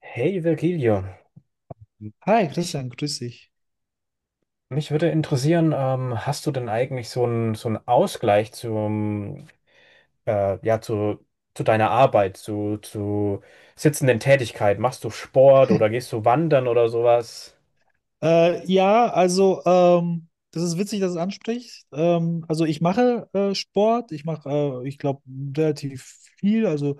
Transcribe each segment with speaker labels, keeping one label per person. Speaker 1: Hey Virgilio,
Speaker 2: Hi
Speaker 1: ich,
Speaker 2: Christian, grüß dich.
Speaker 1: mich würde interessieren, hast du denn eigentlich so einen Ausgleich äh, ja, zu, zu deiner Arbeit, zu sitzenden Tätigkeit? Machst du Sport oder gehst du wandern oder sowas?
Speaker 2: Ja, also das ist witzig, dass du es ansprichst. Also ich mache Sport, ich mache, ich glaube, relativ viel. Also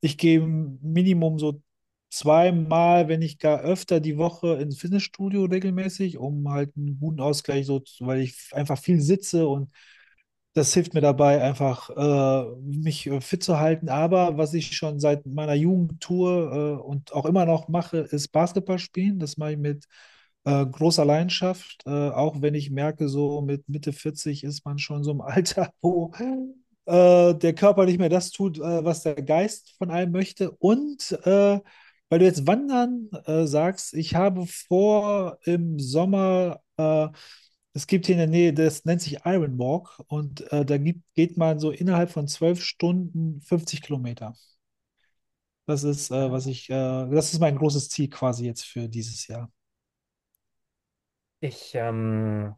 Speaker 2: ich gehe Minimum so zweimal, wenn nicht gar öfter die Woche ins Fitnessstudio regelmäßig, um halt einen guten Ausgleich so, weil ich einfach viel sitze und das hilft mir dabei, einfach mich fit zu halten. Aber was ich schon seit meiner Jugend tue und auch immer noch mache, ist Basketball spielen. Das mache ich mit großer Leidenschaft, auch wenn ich merke, so mit Mitte 40 ist man schon so im Alter, wo der Körper nicht mehr das tut, was der Geist von einem möchte. Und, weil du jetzt Wandern sagst, ich habe vor, im Sommer es gibt hier in der Nähe, das nennt sich Iron Walk und da geht man so innerhalb von 12 Stunden 50 Kilometer. Das ist, was ich, das ist mein großes Ziel quasi jetzt für dieses Jahr.
Speaker 1: Ich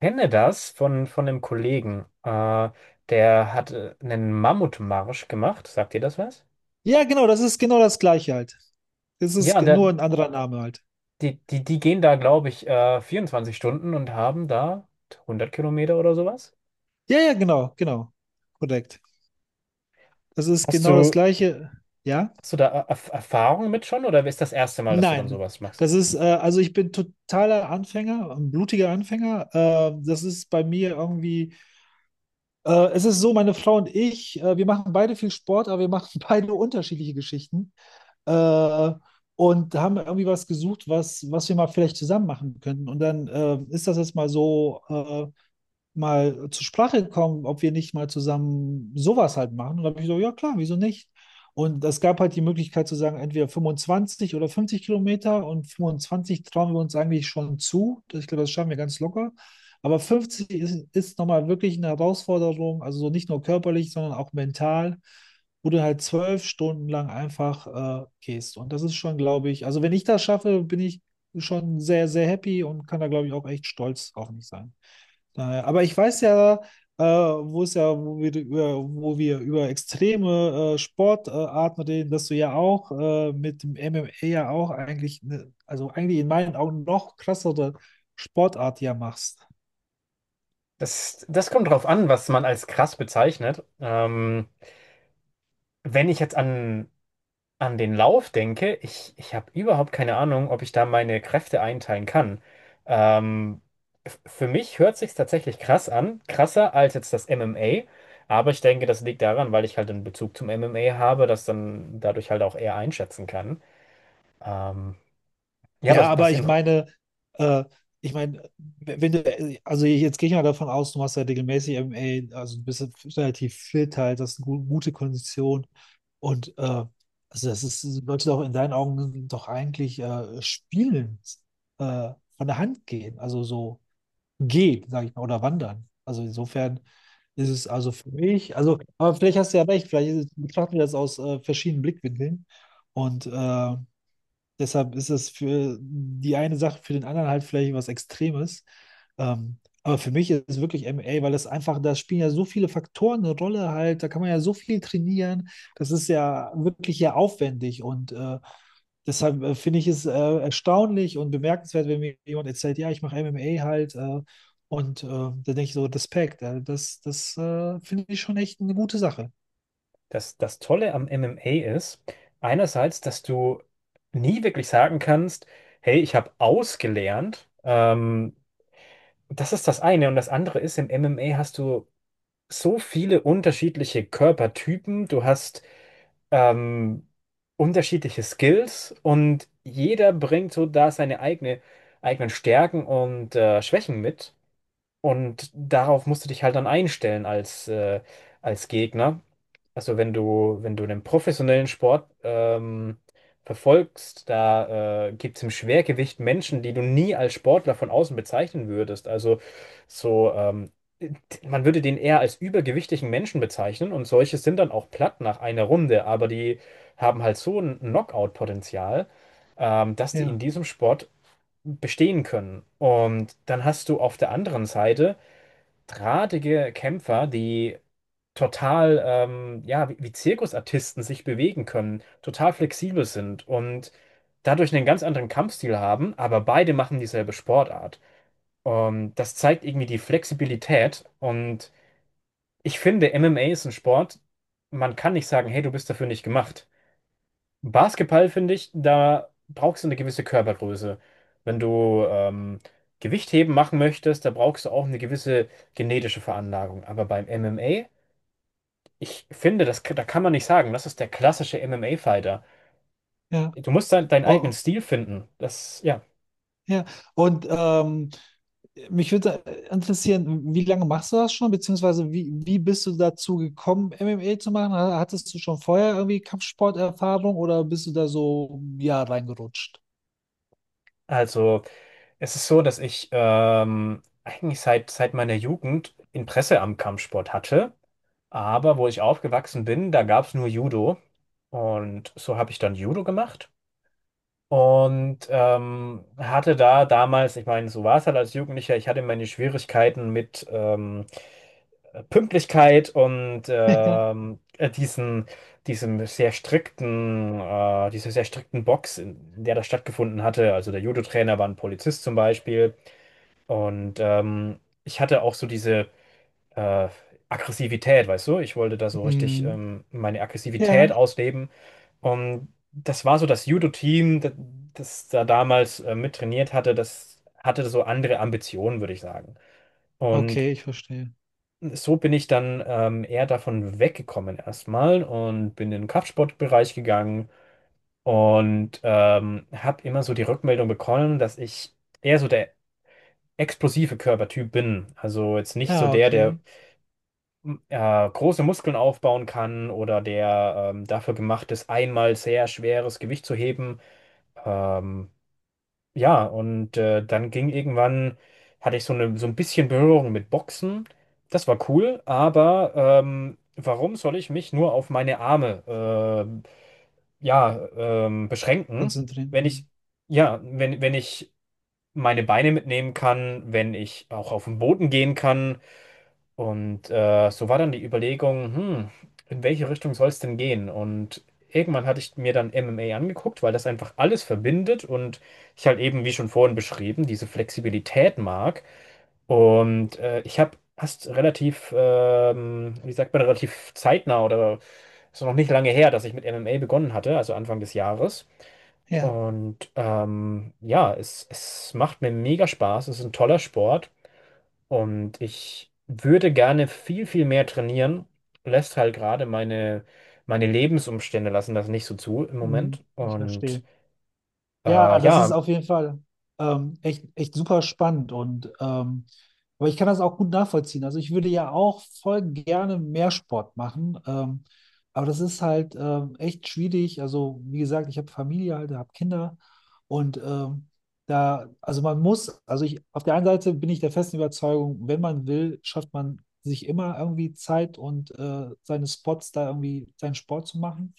Speaker 1: kenne das von einem Kollegen, der hat einen Mammutmarsch gemacht. Sagt dir das was?
Speaker 2: Ja, genau, das ist genau das gleiche halt. Das ist
Speaker 1: Ja,
Speaker 2: nur ein anderer Name halt.
Speaker 1: die gehen da, glaube ich, 24 Stunden und haben da 100 Kilometer oder sowas.
Speaker 2: Ja, ja, genau, genau. Korrekt. Das ist
Speaker 1: Hast
Speaker 2: genau das
Speaker 1: du,
Speaker 2: gleiche. Ja?
Speaker 1: hast du da Erfahrung mit schon oder ist das erste Mal, dass du dann
Speaker 2: Nein.
Speaker 1: sowas machst?
Speaker 2: Das ist, also ich bin totaler Anfänger, ein blutiger Anfänger. Das ist bei mir irgendwie. Es ist so, meine Frau und ich, wir machen beide viel Sport, aber wir machen beide unterschiedliche Geschichten. Äh, und haben irgendwie was gesucht, was, was wir mal vielleicht zusammen machen könnten. Und dann ist das jetzt mal so, mal zur Sprache gekommen, ob wir nicht mal zusammen sowas halt machen. Und da habe ich so, ja klar, wieso nicht? Und es gab halt die Möglichkeit zu sagen, entweder 25 oder 50 Kilometer und 25 trauen wir uns eigentlich schon zu. Ich glaube, das schaffen wir ganz locker. Aber 50 ist, ist nochmal wirklich eine Herausforderung, also so nicht nur körperlich, sondern auch mental, wo du halt 12 Stunden lang einfach gehst. Und das ist schon, glaube ich, also wenn ich das schaffe, bin ich schon sehr, sehr happy und kann da, glaube ich, auch echt stolz auf mich sein. Daher, aber ich weiß ja, wo wir wo wir über extreme Sportarten reden, dass du ja auch mit dem MMA ja auch eigentlich, ne, also eigentlich in meinen Augen noch krassere Sportart ja machst.
Speaker 1: Das kommt drauf an, was man als krass bezeichnet. Wenn ich jetzt an den Lauf denke, ich habe überhaupt keine Ahnung, ob ich da meine Kräfte einteilen kann. Ähm, für mich hört sich tatsächlich krass an, krasser als jetzt das MMA. Aber ich denke, das liegt daran, weil ich halt einen Bezug zum MMA habe, das dann dadurch halt auch eher einschätzen kann. Ähm, ja,
Speaker 2: Ja,
Speaker 1: was,
Speaker 2: aber
Speaker 1: was,
Speaker 2: ich meine, äh, ich meine, wenn du, also jetzt gehe ich mal davon aus, du machst ja regelmäßig MMA, also du bist ja relativ fit halt, das ist eine gute Kondition und also das ist, sollte doch in deinen Augen doch eigentlich spielen äh, von der Hand gehen, also so gehen, sage ich mal, oder wandern. Also insofern ist es also für mich, also, aber vielleicht hast du ja recht, vielleicht ist betrachten wir das aus verschiedenen Blickwinkeln und deshalb ist es für die eine Sache, für den anderen halt vielleicht was Extremes. Aber für mich ist es wirklich MA, weil das einfach, da spielen ja so viele Faktoren eine Rolle halt, da kann man ja so viel trainieren. Das ist ja wirklich ja aufwendig und deshalb finde ich es erstaunlich und bemerkenswert, wenn mir jemand erzählt, ja, ich mache MMA halt. Und da denke ich so, Respekt, das finde ich schon echt eine gute Sache.
Speaker 1: Das Tolle am MMA ist, einerseits, dass du nie wirklich sagen kannst, hey, ich habe ausgelernt. Das ist das eine. Und das andere ist, im MMA hast du so viele unterschiedliche Körpertypen. Du hast ähm, unterschiedliche Skills und jeder bringt so da eigenen Stärken und Schwächen mit. Und darauf musst du dich halt dann einstellen als als Gegner. Also wenn du einen professionellen Sport verfolgst, da gibt es im Schwergewicht Menschen, die du nie als Sportler von außen bezeichnen würdest. So, ähm, Man würde den eher als übergewichtigen Menschen bezeichnen und solche sind dann auch platt nach einer Runde, aber die haben halt so ein Knockout-Potenzial, dass die in
Speaker 2: Ja,
Speaker 1: diesem Sport bestehen können. Und dann hast du auf der anderen Seite drahtige Kämpfer, die wie Zirkusartisten sich bewegen können, total flexibel sind und dadurch einen ganz anderen Kampfstil haben, aber beide machen dieselbe Sportart. Und das zeigt irgendwie die Flexibilität und ich finde, MMA ist ein Sport, man kann nicht sagen, hey, du bist dafür nicht gemacht. Basketball, finde ich, da brauchst du eine gewisse Körpergröße. Wenn du Gewichtheben machen möchtest, da brauchst du auch eine gewisse genetische Veranlagung. Aber beim MMA ich finde, da kann man nicht sagen, das ist der klassische MMA-Fighter.
Speaker 2: ja.
Speaker 1: Du musst deinen eigenen
Speaker 2: Oh,
Speaker 1: Stil finden. Das, ja.
Speaker 2: ja. Und mich würde interessieren, wie lange machst du das schon, beziehungsweise wie bist du dazu gekommen, MMA zu machen? Hattest du schon vorher irgendwie Kampfsporterfahrung oder bist du da so, ja, reingerutscht?
Speaker 1: Also, es ist so, dass ich eigentlich seit meiner Jugend Interesse am Kampfsport hatte. Aber wo ich aufgewachsen bin, da gab es nur Judo. Und so habe ich dann Judo gemacht. Und hatte da damals, ich meine, so war es halt als Jugendlicher, ich hatte meine Schwierigkeiten mit Pünktlichkeit und
Speaker 2: Ja.
Speaker 1: diesem sehr strikten, dieser sehr strikten Box, in der das stattgefunden hatte. Also der Judo-Trainer war ein Polizist zum Beispiel. Und ich hatte auch so diese äh, Aggressivität, weißt du? Ich wollte da so richtig
Speaker 2: Mhm.
Speaker 1: meine
Speaker 2: Ja,
Speaker 1: Aggressivität ausleben. Und das war so das Judo-Team, das da damals mittrainiert hatte, das hatte so andere Ambitionen, würde ich sagen. Und
Speaker 2: okay, ich verstehe.
Speaker 1: so bin ich dann eher davon weggekommen erstmal und bin in den Kraftsportbereich gegangen und habe immer so die Rückmeldung bekommen, dass ich eher so der explosive Körpertyp bin. Also jetzt nicht so
Speaker 2: Ja,
Speaker 1: der, der
Speaker 2: okay,
Speaker 1: m- äh, große Muskeln aufbauen kann oder der dafür gemacht ist, einmal sehr schweres Gewicht zu heben. Ähm, Dann ging irgendwann, hatte ich so ein bisschen Berührung mit Boxen. Das war cool, aber warum soll ich mich nur auf meine Arme ja, beschränken,
Speaker 2: konzentrieren.
Speaker 1: wenn ich,
Speaker 2: Mhm.
Speaker 1: wenn ich meine Beine mitnehmen kann, wenn ich auch auf den Boden gehen kann? Und so war dann die Überlegung, hm, in welche Richtung soll es denn gehen? Und irgendwann hatte ich mir dann MMA angeguckt, weil das einfach alles verbindet und ich halt eben, wie schon vorhin beschrieben, diese Flexibilität mag. Und ich habe erst wie sagt man, relativ zeitnah oder ist noch nicht lange her, dass ich mit MMA begonnen hatte, also Anfang des Jahres.
Speaker 2: Ja,
Speaker 1: Und ja, es macht mir mega Spaß, es ist ein toller Sport. Und ich würde gerne viel mehr trainieren, lässt halt gerade meine Lebensumstände lassen das nicht so zu im Moment.
Speaker 2: mhm, ich
Speaker 1: Und
Speaker 2: verstehe.
Speaker 1: äh,
Speaker 2: Ja, das ist
Speaker 1: ja,
Speaker 2: auf jeden Fall echt, echt super spannend und aber ich kann das auch gut nachvollziehen. Also ich würde ja auch voll gerne mehr Sport machen, aber das ist halt echt schwierig. Also wie gesagt, ich habe Familie halt, habe Kinder und da, also man muss, ich auf der einen Seite bin ich der festen Überzeugung, wenn man will, schafft man sich immer irgendwie Zeit und seine Spots da irgendwie seinen Sport zu machen.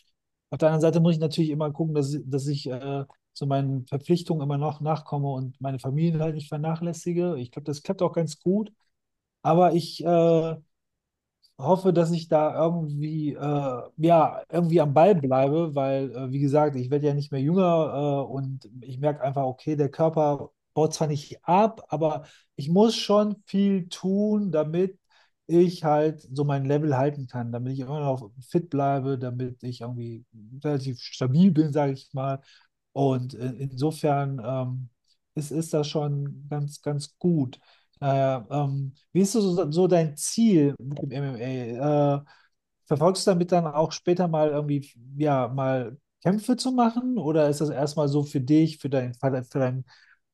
Speaker 2: Auf der anderen Seite muss ich natürlich immer gucken, dass ich so meinen Verpflichtungen immer noch nachkomme und meine Familie halt nicht vernachlässige. Ich glaube, das klappt auch ganz gut. Aber ich hoffe, dass ich da irgendwie, ja, irgendwie am Ball bleibe, weil, wie gesagt, ich werde ja nicht mehr jünger, und ich merke einfach, okay, der Körper baut zwar nicht ab, aber ich muss schon viel tun, damit ich halt so mein Level halten kann, damit ich immer noch fit bleibe, damit ich irgendwie relativ stabil bin, sage ich mal. Und insofern, ist das schon ganz, ganz gut. Wie ist so, so dein Ziel mit dem MMA? Verfolgst du damit dann auch später mal irgendwie, ja, mal Kämpfe zu machen? Oder ist das erstmal so für dich,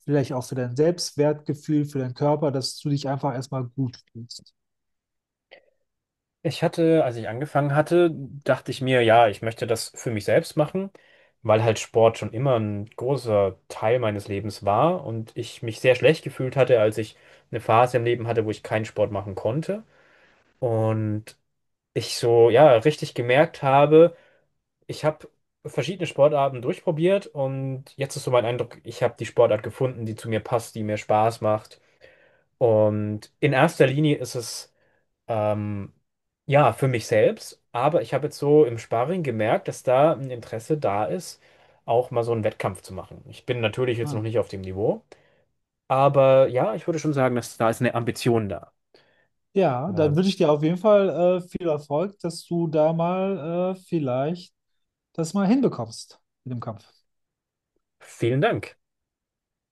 Speaker 2: vielleicht auch für dein Selbstwertgefühl, für deinen Körper, dass du dich einfach erstmal gut fühlst?
Speaker 1: ich hatte, als ich angefangen hatte, dachte ich mir, ja, ich möchte das für mich selbst machen, weil halt Sport schon immer ein großer Teil meines Lebens war und ich mich sehr schlecht gefühlt hatte, als ich eine Phase im Leben hatte, wo ich keinen Sport machen konnte. Und ich so, ja, richtig gemerkt habe, ich habe verschiedene Sportarten durchprobiert und jetzt ist so mein Eindruck, ich habe die Sportart gefunden, die zu mir passt, die mir Spaß macht. Und in erster Linie ist es ähm, ja für mich selbst, aber ich habe jetzt so im Sparring gemerkt, dass da ein Interesse da ist, auch mal so einen Wettkampf zu machen. Ich bin natürlich jetzt noch
Speaker 2: Hm.
Speaker 1: nicht auf dem Niveau, aber ja, ich würde schon sagen, dass da ist eine Ambition da.
Speaker 2: Ja, dann
Speaker 1: Äh,
Speaker 2: wünsche ich dir auf jeden Fall viel Erfolg, dass du da mal vielleicht das mal hinbekommst mit dem Kampf.
Speaker 1: Vielen Dank.